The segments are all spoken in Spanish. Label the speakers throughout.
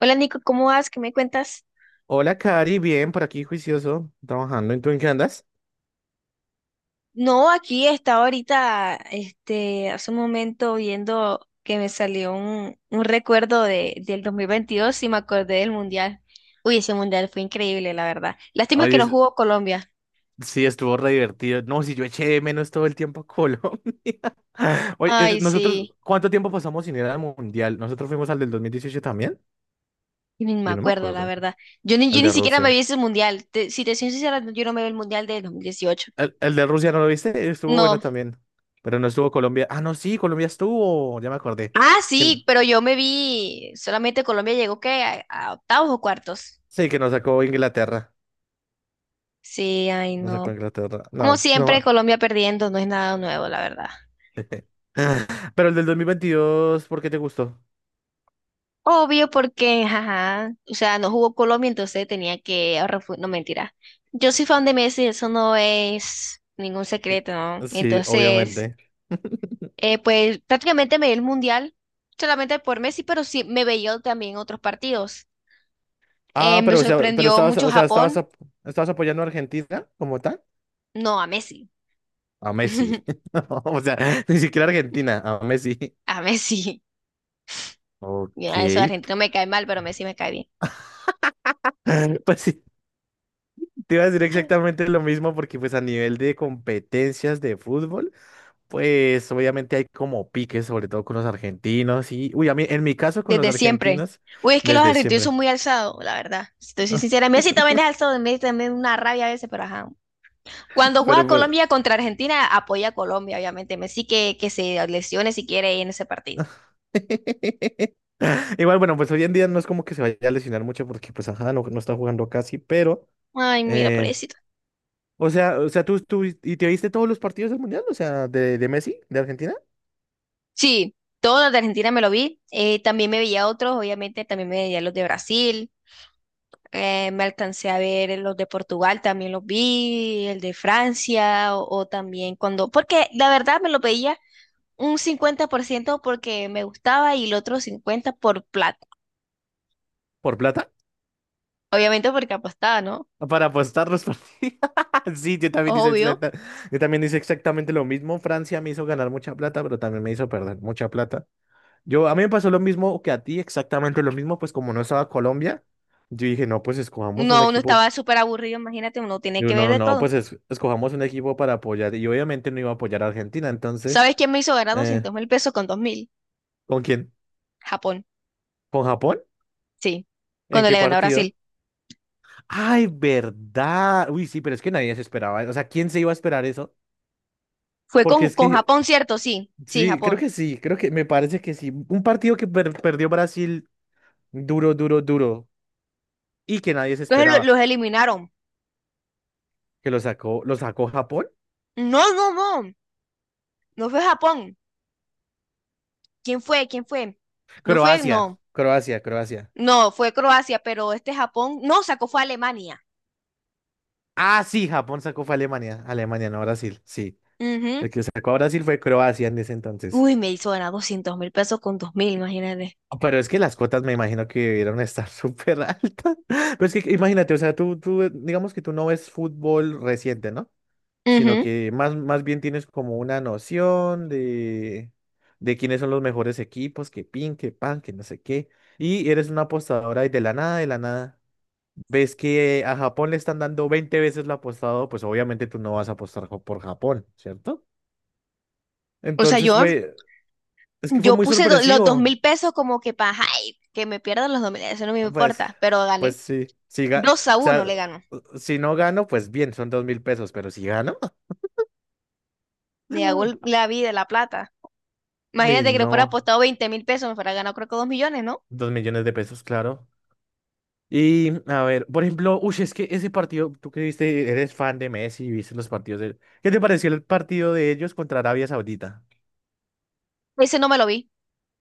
Speaker 1: Hola Nico, ¿cómo vas? ¿Qué me cuentas?
Speaker 2: Hola, Cari, bien, por aquí juicioso, trabajando. ¿Y tú en qué andas?
Speaker 1: No, aquí estaba ahorita, hace un momento viendo que me salió un recuerdo del 2022 y me acordé del Mundial. Uy, ese Mundial fue increíble, la verdad. Lástima que
Speaker 2: Oye,
Speaker 1: no jugó Colombia.
Speaker 2: sí, estuvo re divertido. No, si yo eché de menos todo el tiempo a Colombia. Oye,
Speaker 1: Ay,
Speaker 2: nosotros,
Speaker 1: sí,
Speaker 2: ¿cuánto tiempo pasamos sin ir al Mundial? ¿Nosotros fuimos al del 2018 también?
Speaker 1: y ni me
Speaker 2: Yo no me
Speaker 1: acuerdo, la
Speaker 2: acuerdo.
Speaker 1: verdad. Yo ni, yo
Speaker 2: Al
Speaker 1: ni
Speaker 2: de
Speaker 1: siquiera me vi
Speaker 2: Rusia.
Speaker 1: ese Mundial. Si te soy sincera, no, yo no me vi el Mundial de 2018.
Speaker 2: El de Rusia, ¿no lo viste? Estuvo bueno
Speaker 1: No.
Speaker 2: también. Pero no estuvo Colombia. Ah, no, sí, Colombia estuvo. Ya me acordé.
Speaker 1: Ah,
Speaker 2: Que, n-
Speaker 1: sí, pero yo me vi, solamente Colombia llegó que a octavos o cuartos.
Speaker 2: sí, que nos sacó Inglaterra.
Speaker 1: Sí, ay,
Speaker 2: Nos sacó
Speaker 1: no.
Speaker 2: Inglaterra.
Speaker 1: Como
Speaker 2: No,
Speaker 1: siempre,
Speaker 2: no.
Speaker 1: Colombia perdiendo no es nada nuevo, la verdad.
Speaker 2: Pero el del 2022, ¿por qué te gustó?
Speaker 1: Obvio porque, ajá, o sea, no jugó Colombia, entonces tenía que no, mentira. Yo soy fan de Messi, eso no es ningún
Speaker 2: Eh,
Speaker 1: secreto, ¿no?
Speaker 2: Sí,
Speaker 1: Entonces,
Speaker 2: obviamente.
Speaker 1: pues prácticamente me di el mundial solamente por Messi, pero sí me veía también otros partidos.
Speaker 2: Ah,
Speaker 1: Me
Speaker 2: pero, o sea, pero
Speaker 1: sorprendió
Speaker 2: estabas,
Speaker 1: mucho
Speaker 2: o sea,
Speaker 1: Japón,
Speaker 2: estabas apoyando a Argentina como tal.
Speaker 1: no a Messi.
Speaker 2: A Messi. No, o sea, ni siquiera Argentina, a Messi.
Speaker 1: A Messi.
Speaker 2: Ok.
Speaker 1: Mira, eso de Argentina me cae mal, pero Messi me cae bien.
Speaker 2: Pues sí, te iba a decir exactamente lo mismo porque pues a nivel de competencias de fútbol, pues obviamente hay como piques, sobre todo con los argentinos y, uy, a mí, en mi caso con los
Speaker 1: Desde siempre.
Speaker 2: argentinos,
Speaker 1: Uy, es que los
Speaker 2: desde
Speaker 1: argentinos son
Speaker 2: siempre.
Speaker 1: muy alzados, la verdad. Si te soy sincera, Messi también es alzado, Messi también es una rabia a veces, pero ajá. Cuando juega
Speaker 2: Pero pues,
Speaker 1: Colombia contra Argentina, apoya a Colombia, obviamente. Messi que se lesione si quiere en ese partido.
Speaker 2: igual, bueno, pues hoy en día no es como que se vaya a lesionar mucho porque, pues, ajá, no está jugando casi, pero,
Speaker 1: Ay, mira,
Speaker 2: eh,
Speaker 1: pobrecito.
Speaker 2: o sea, ¿y te viste todos los partidos del Mundial? O sea, de Messi, de Argentina,
Speaker 1: Sí, todos los de Argentina me lo vi. También me veía otros, obviamente, también me veía los de Brasil. Me alcancé a ver los de Portugal, también los vi, el de Francia, o también cuando, porque la verdad me lo veía un 50% porque me gustaba y el otro 50 por plata.
Speaker 2: por plata,
Speaker 1: Obviamente porque apostaba, ¿no?
Speaker 2: para apostar los partidos. Sí,
Speaker 1: Obvio.
Speaker 2: yo también hice exactamente lo mismo. Francia me hizo ganar mucha plata, pero también me hizo perder mucha plata. A mí me pasó lo mismo que a ti, exactamente lo mismo, pues como no estaba Colombia, yo dije, no, pues escojamos un
Speaker 1: No, uno
Speaker 2: equipo.
Speaker 1: estaba súper aburrido, imagínate, uno tiene
Speaker 2: Yo
Speaker 1: que ver
Speaker 2: no,
Speaker 1: de
Speaker 2: no,
Speaker 1: todo.
Speaker 2: pues es- Escojamos un equipo para apoyar. Y obviamente no iba a apoyar a Argentina. Entonces,
Speaker 1: ¿Sabes quién me hizo ganar
Speaker 2: eh,
Speaker 1: 200.000 pesos con 2.000?
Speaker 2: ¿con quién?
Speaker 1: Japón,
Speaker 2: ¿Con Japón?
Speaker 1: sí.
Speaker 2: ¿En
Speaker 1: Cuando
Speaker 2: qué
Speaker 1: le ganó a
Speaker 2: partido?
Speaker 1: Brasil.
Speaker 2: ¡Ay, verdad! Uy, sí, pero es que nadie se esperaba. O sea, ¿quién se iba a esperar eso?
Speaker 1: Fue
Speaker 2: Porque
Speaker 1: con,
Speaker 2: es
Speaker 1: con
Speaker 2: que,
Speaker 1: Japón, ¿cierto? Sí, sí,
Speaker 2: sí, creo
Speaker 1: Japón.
Speaker 2: que sí, creo que me parece que sí. Un partido que perdió Brasil duro, duro, duro. Y que nadie se
Speaker 1: Entonces
Speaker 2: esperaba.
Speaker 1: los eliminaron.
Speaker 2: Que lo sacó Japón.
Speaker 1: No, no, no. No fue Japón. ¿Quién fue? ¿Quién fue? No fue,
Speaker 2: Croacia,
Speaker 1: no.
Speaker 2: Croacia, Croacia.
Speaker 1: No, fue Croacia, pero este Japón, no, sacó fue a Alemania.
Speaker 2: Ah, sí, Japón sacó fue a Alemania. Alemania, no Brasil. Sí.
Speaker 1: Ujú.
Speaker 2: El que sacó a Brasil fue Croacia en ese entonces.
Speaker 1: Uy, me hizo ganar 200 mil pesos con 2 mil, imagínate.
Speaker 2: Pero es que las cuotas me imagino que debieron estar súper altas. Pero es que imagínate, o sea, digamos que tú no ves fútbol reciente, ¿no? Sino
Speaker 1: Ujú.
Speaker 2: que más, más bien tienes como una noción de quiénes son los mejores equipos, que pin, que pan, que no sé qué. Y eres una apostadora y de la nada, ves que a Japón le están dando 20 veces lo apostado, pues obviamente tú no vas a apostar por Japón, ¿cierto?
Speaker 1: O sea,
Speaker 2: Entonces
Speaker 1: yo,
Speaker 2: fue, es que fue
Speaker 1: Yo
Speaker 2: muy
Speaker 1: puse los dos
Speaker 2: sorpresivo.
Speaker 1: mil pesos como que para, ay, que me pierdan los 2.000, eso no me
Speaker 2: Pues,
Speaker 1: importa, pero gané. dos a
Speaker 2: o
Speaker 1: uno
Speaker 2: sea,
Speaker 1: le ganó.
Speaker 2: si no gano, pues bien, son $2.000, pero si gano,
Speaker 1: Le hago la vida, la plata.
Speaker 2: uy,
Speaker 1: Imagínate que le fuera
Speaker 2: no,
Speaker 1: apostado 20.000 pesos, me fuera ganado creo que dos millones, ¿no?
Speaker 2: 2 millones de pesos, claro. Y a ver, por ejemplo, uy, es que ese partido, tú que viste, eres fan de Messi y viste los partidos de ¿qué te pareció el partido de ellos contra Arabia Saudita?
Speaker 1: Ese no me lo vi,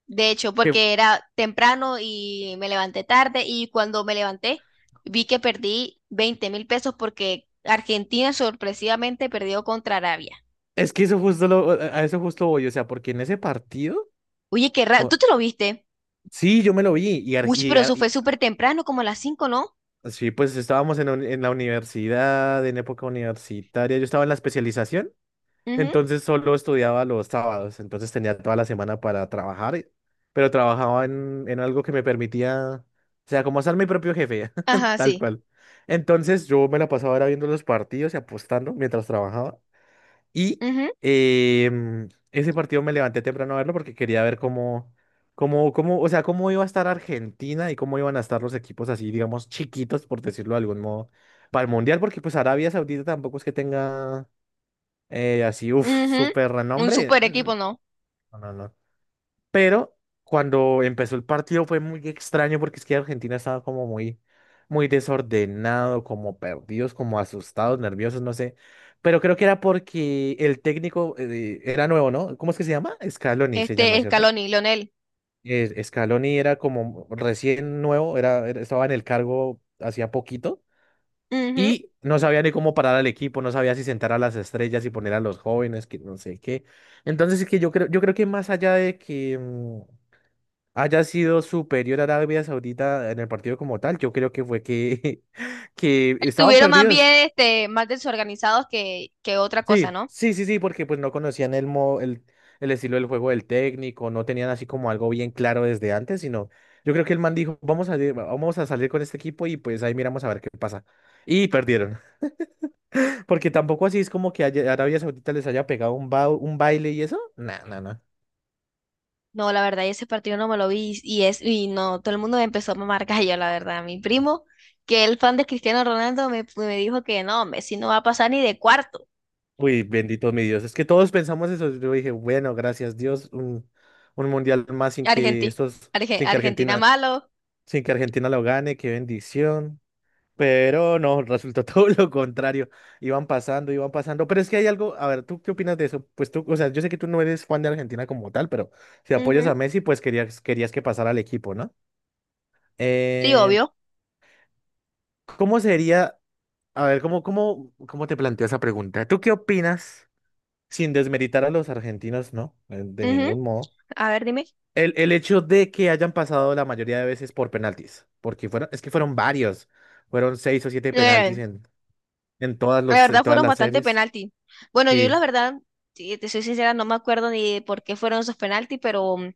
Speaker 1: de hecho,
Speaker 2: Que f-
Speaker 1: porque era temprano y me levanté tarde y cuando me levanté vi que perdí 20.000 pesos porque Argentina sorpresivamente perdió contra Arabia.
Speaker 2: es que a eso justo voy, o sea, porque en ese partido,
Speaker 1: Oye, qué raro,
Speaker 2: o-
Speaker 1: ¿tú te lo viste?
Speaker 2: sí, yo me lo vi y,
Speaker 1: Uy, pero eso fue súper temprano, como a las cinco, ¿no?
Speaker 2: Sí, pues estábamos en la universidad, en época universitaria, yo estaba en la especialización.
Speaker 1: Ujú.
Speaker 2: Entonces solo estudiaba los sábados, entonces tenía toda la semana para trabajar, pero trabajaba en algo que me permitía, o sea, como ser mi propio jefe,
Speaker 1: Ajá,
Speaker 2: tal
Speaker 1: sí.
Speaker 2: cual. Entonces yo me la pasaba era viendo los partidos y apostando mientras trabajaba. Y
Speaker 1: Ujú,
Speaker 2: ese partido me levanté temprano a verlo porque quería ver o sea, cómo iba a estar Argentina y cómo iban a estar los equipos así, digamos, chiquitos, por decirlo de algún modo, para el Mundial, porque pues Arabia Saudita tampoco es que tenga así, uff,
Speaker 1: ujú.
Speaker 2: súper
Speaker 1: Un
Speaker 2: renombre.
Speaker 1: super
Speaker 2: Mm,
Speaker 1: equipo, ¿no?
Speaker 2: no, no, no. Pero cuando empezó el partido fue muy extraño porque es que Argentina estaba como muy, muy desordenado, como perdidos, como asustados, nerviosos, no sé. Pero creo que era porque el técnico era nuevo, ¿no? ¿Cómo es que se llama? Scaloni se
Speaker 1: Este,
Speaker 2: llama, ¿cierto?
Speaker 1: Scaloni, Lionel.
Speaker 2: Scaloni era como recién nuevo, estaba en el cargo hacía poquito.
Speaker 1: Ujú.
Speaker 2: Y no sabía ni cómo parar al equipo, no sabía si sentar a las estrellas y poner a los jóvenes, que no sé qué. Entonces es que yo creo que más allá de que haya sido superior a Arabia Saudita en el partido como tal, yo creo que fue que, que estaban
Speaker 1: Estuvieron más
Speaker 2: perdidos.
Speaker 1: bien, este, más desorganizados que otra cosa,
Speaker 2: Sí,
Speaker 1: ¿no?
Speaker 2: sí, sí, sí, porque pues no conocían el estilo del juego del técnico, no tenían así como algo bien claro desde antes, sino yo creo que el man dijo, vamos a salir con este equipo y pues ahí miramos a ver qué pasa. Y perdieron. Porque tampoco así es como que Arabia Saudita les haya pegado un baile y eso. No, no, no.
Speaker 1: No, la verdad, ese partido no me lo vi y no, todo el mundo me empezó a mamar gallo, la verdad. Mi primo, que el fan de Cristiano Ronaldo, me dijo que no, Messi no va a pasar ni de cuarto.
Speaker 2: Uy, bendito mi Dios. Es que todos pensamos eso. Yo dije, bueno, gracias Dios, un mundial más sin que
Speaker 1: Argentina.
Speaker 2: estos, sin que
Speaker 1: Argentina
Speaker 2: Argentina,
Speaker 1: malo.
Speaker 2: sin que Argentina lo gane, qué bendición. Pero no, resultó todo lo contrario. Iban pasando, iban pasando. Pero es que hay algo, a ver, ¿tú qué opinas de eso? Pues tú, o sea, yo sé que tú no eres fan de Argentina como tal, pero si apoyas
Speaker 1: Ujú.
Speaker 2: a Messi, pues querías que pasara al equipo, ¿no?
Speaker 1: Sí,
Speaker 2: Eh,
Speaker 1: obvio.
Speaker 2: ¿Cómo sería? A ver, ¿cómo te planteo esa pregunta? ¿Tú qué opinas, sin desmeritar a los argentinos, no, de
Speaker 1: Ujú.
Speaker 2: ningún modo,
Speaker 1: A ver, dime.
Speaker 2: el hecho de que hayan pasado la mayoría de veces por penaltis? Porque fueron, es que fueron varios, fueron 6 o 7 penaltis
Speaker 1: Eh,
Speaker 2: en, en todas
Speaker 1: La
Speaker 2: los, en
Speaker 1: verdad
Speaker 2: todas
Speaker 1: fueron
Speaker 2: las
Speaker 1: bastante
Speaker 2: series.
Speaker 1: penalti. Bueno, yo la
Speaker 2: Sí,
Speaker 1: verdad, si te soy sincera, no me acuerdo ni de por qué fueron esos penaltis, pero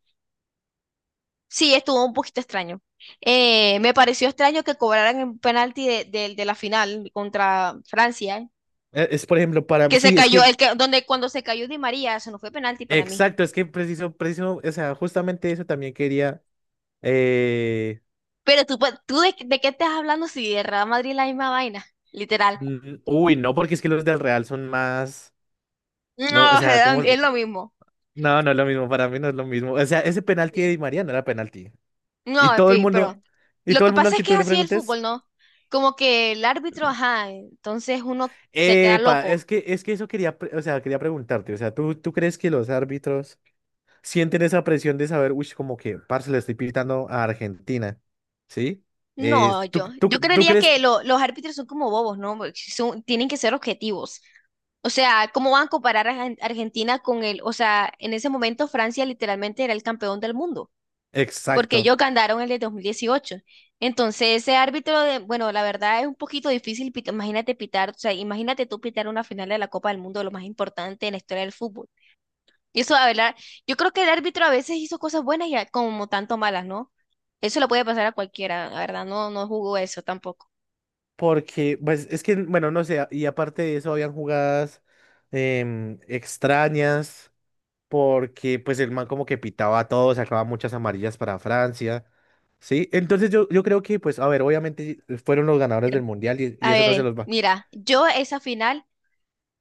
Speaker 1: sí, estuvo un poquito extraño. Me pareció extraño que cobraran un penalti de la final contra Francia,
Speaker 2: Es por ejemplo para mí,
Speaker 1: que se
Speaker 2: sí, es
Speaker 1: cayó,
Speaker 2: que,
Speaker 1: el que, donde cuando se cayó Di María, eso no fue penalti para mí.
Speaker 2: exacto, es que preciso, preciso, o sea, justamente eso también quería, eh,
Speaker 1: Pero tú, ¿tú de qué estás hablando si de Real Madrid es la misma vaina? Literal.
Speaker 2: uy, no, porque es que los del Real son más, no, o
Speaker 1: No,
Speaker 2: sea, como,
Speaker 1: es lo mismo.
Speaker 2: no, no es lo mismo, para mí no es lo mismo. O sea, ese penalti de
Speaker 1: Sí.
Speaker 2: Di María no era penalti. Y
Speaker 1: No, en
Speaker 2: todo el
Speaker 1: fin,
Speaker 2: mundo,
Speaker 1: pero
Speaker 2: y
Speaker 1: lo
Speaker 2: todo
Speaker 1: que
Speaker 2: el mundo al
Speaker 1: pasa
Speaker 2: que
Speaker 1: es que
Speaker 2: tú
Speaker 1: es
Speaker 2: le
Speaker 1: así el
Speaker 2: preguntes,
Speaker 1: fútbol, ¿no? Como que el árbitro, ajá, entonces uno se queda
Speaker 2: epa,
Speaker 1: loco.
Speaker 2: es que, eso quería, o sea, quería preguntarte, o sea, ¿tú crees que los árbitros sienten esa presión de saber, uy, como que, parce, le estoy pitando a Argentina, ¿sí?
Speaker 1: No,
Speaker 2: ¿Tú,
Speaker 1: yo,
Speaker 2: tú,
Speaker 1: yo
Speaker 2: tú
Speaker 1: creería
Speaker 2: crees?
Speaker 1: que los árbitros son como bobos, ¿no? Porque son- tienen que ser objetivos. O sea, ¿cómo van a comparar a Argentina con el, o sea, en ese momento Francia literalmente era el campeón del mundo, porque
Speaker 2: Exacto,
Speaker 1: ellos ganaron el de 2018. Entonces, ese árbitro de, bueno, la verdad es un poquito difícil, imagínate pitar, o sea, imagínate tú pitar una final de la Copa del Mundo, lo más importante en la historia del fútbol. Y eso, Abelar, yo creo que el árbitro a veces hizo cosas buenas y como tanto malas, ¿no? Eso le puede pasar a cualquiera, la verdad, no, no jugó eso tampoco.
Speaker 2: porque, pues, es que, bueno, no sé, y aparte de eso, habían jugadas extrañas. Porque pues el man como que pitaba a todos, sacaba muchas amarillas para Francia, ¿sí? Entonces yo creo que pues, a ver, obviamente fueron los ganadores del
Speaker 1: Cierto.
Speaker 2: mundial y
Speaker 1: A
Speaker 2: eso no se
Speaker 1: ver,
Speaker 2: los va.
Speaker 1: mira, yo esa final,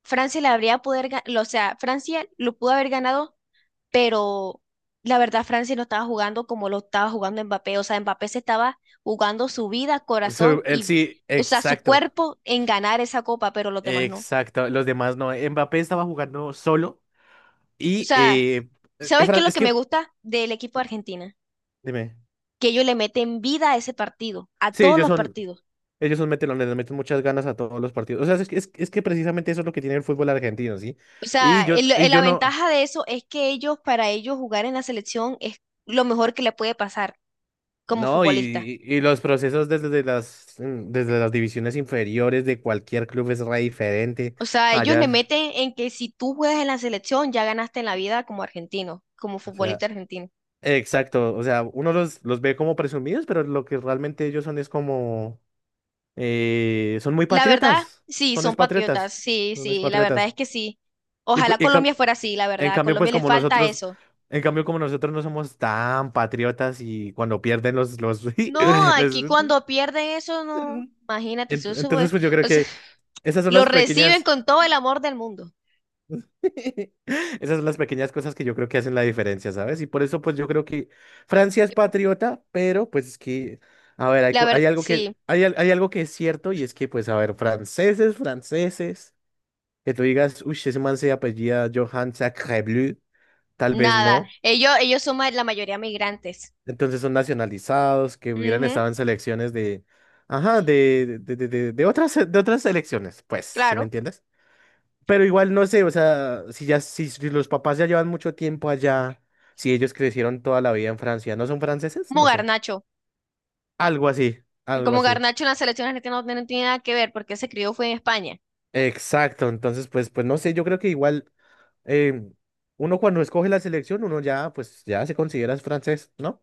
Speaker 1: Francia la habría poder, o sea, Francia lo pudo haber ganado, pero la verdad Francia no estaba jugando como lo estaba jugando Mbappé, o sea, Mbappé se estaba jugando su vida,
Speaker 2: So,
Speaker 1: corazón
Speaker 2: él
Speaker 1: y,
Speaker 2: sí,
Speaker 1: o sea, su
Speaker 2: exacto,
Speaker 1: cuerpo en ganar esa copa, pero los demás no.
Speaker 2: exacto, los demás no. Mbappé estaba jugando solo
Speaker 1: O
Speaker 2: y
Speaker 1: sea, ¿sabes qué es lo
Speaker 2: Es
Speaker 1: que me
Speaker 2: que,
Speaker 1: gusta del equipo de Argentina?
Speaker 2: dime,
Speaker 1: Que ellos le meten vida a ese partido, a
Speaker 2: sí,
Speaker 1: todos
Speaker 2: ellos
Speaker 1: los
Speaker 2: son
Speaker 1: partidos.
Speaker 2: Ellos son metelones, le meten muchas ganas a todos los partidos. O sea, es que precisamente eso es lo que tiene el fútbol argentino, ¿sí?
Speaker 1: O sea,
Speaker 2: Y yo, y
Speaker 1: la
Speaker 2: yo no.
Speaker 1: ventaja de eso es que ellos, para ellos jugar en la selección es lo mejor que le puede pasar como
Speaker 2: No,
Speaker 1: futbolista.
Speaker 2: y los procesos desde las, desde las divisiones inferiores de cualquier club es re diferente.
Speaker 1: O sea, ellos le
Speaker 2: Allá,
Speaker 1: meten en que si tú juegas en la selección, ya ganaste en la vida como argentino, como
Speaker 2: o
Speaker 1: futbolista
Speaker 2: sea,
Speaker 1: argentino.
Speaker 2: exacto. O sea, uno los ve como presumidos, pero lo que realmente ellos son es como, son muy
Speaker 1: La verdad,
Speaker 2: patriotas.
Speaker 1: sí,
Speaker 2: Son es
Speaker 1: son patriotas,
Speaker 2: patriotas.
Speaker 1: sí,
Speaker 2: Son es
Speaker 1: sí, la verdad
Speaker 2: patriotas.
Speaker 1: es que sí.
Speaker 2: Y, pu-
Speaker 1: Ojalá
Speaker 2: y cam-
Speaker 1: Colombia fuera así, la
Speaker 2: en
Speaker 1: verdad, a
Speaker 2: cambio, pues
Speaker 1: Colombia le
Speaker 2: como
Speaker 1: falta
Speaker 2: nosotros,
Speaker 1: eso.
Speaker 2: En cambio, como nosotros no somos tan patriotas y cuando pierden los,
Speaker 1: No, aquí
Speaker 2: les-
Speaker 1: cuando pierden eso, no, imagínate, eso, eso
Speaker 2: Entonces,
Speaker 1: fue-
Speaker 2: pues yo creo
Speaker 1: o sea,
Speaker 2: que esas son
Speaker 1: lo
Speaker 2: las
Speaker 1: reciben
Speaker 2: pequeñas.
Speaker 1: con todo el amor del mundo.
Speaker 2: Esas son las pequeñas cosas que yo creo que hacen la diferencia, ¿sabes? Y por eso, pues yo creo que Francia es patriota, pero pues es que, a ver,
Speaker 1: La
Speaker 2: hay
Speaker 1: verdad,
Speaker 2: algo que,
Speaker 1: sí,
Speaker 2: hay algo que es cierto y es que, pues, a ver, franceses, que tú digas, uy, ese man se apellida Johan Sacrebleu, tal vez
Speaker 1: nada.
Speaker 2: no.
Speaker 1: Ellos son la mayoría migrantes.
Speaker 2: Entonces son nacionalizados, que hubieran
Speaker 1: Ujú,
Speaker 2: estado en selecciones ajá, de otras selecciones, pues, ¿sí me
Speaker 1: claro,
Speaker 2: entiendes? Pero igual no sé, o sea, si los papás ya llevan mucho tiempo allá, si ellos crecieron toda la vida en Francia, ¿no son franceses?
Speaker 1: como
Speaker 2: No sé.
Speaker 1: Garnacho.
Speaker 2: Algo así, algo
Speaker 1: Como
Speaker 2: así.
Speaker 1: Garnacho en la selección argentina no, no tiene nada que ver porque se crió fue en España.
Speaker 2: Exacto, entonces pues no sé, yo creo que igual em, uno cuando escoge la selección, uno ya pues ya se considera es francés, ¿no?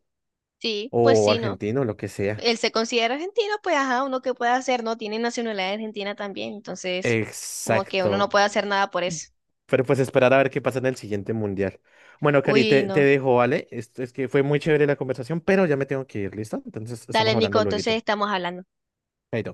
Speaker 1: Sí, pues
Speaker 2: O
Speaker 1: sí, ¿no?
Speaker 2: argentino, lo que sea.
Speaker 1: Él se considera argentino, pues ajá, uno que puede hacer, ¿no? Tiene nacionalidad argentina también, entonces como que uno no
Speaker 2: Exacto.
Speaker 1: puede hacer nada por eso.
Speaker 2: Pero pues esperar a ver qué pasa en el siguiente mundial. Bueno, Cari,
Speaker 1: Uy,
Speaker 2: te
Speaker 1: no.
Speaker 2: dejo, ¿vale? Esto es que fue muy chévere la conversación, pero ya me tengo que ir, ¿listo? Entonces estamos
Speaker 1: Dale, Nico,
Speaker 2: hablando luego.
Speaker 1: entonces estamos hablando.
Speaker 2: Chaito.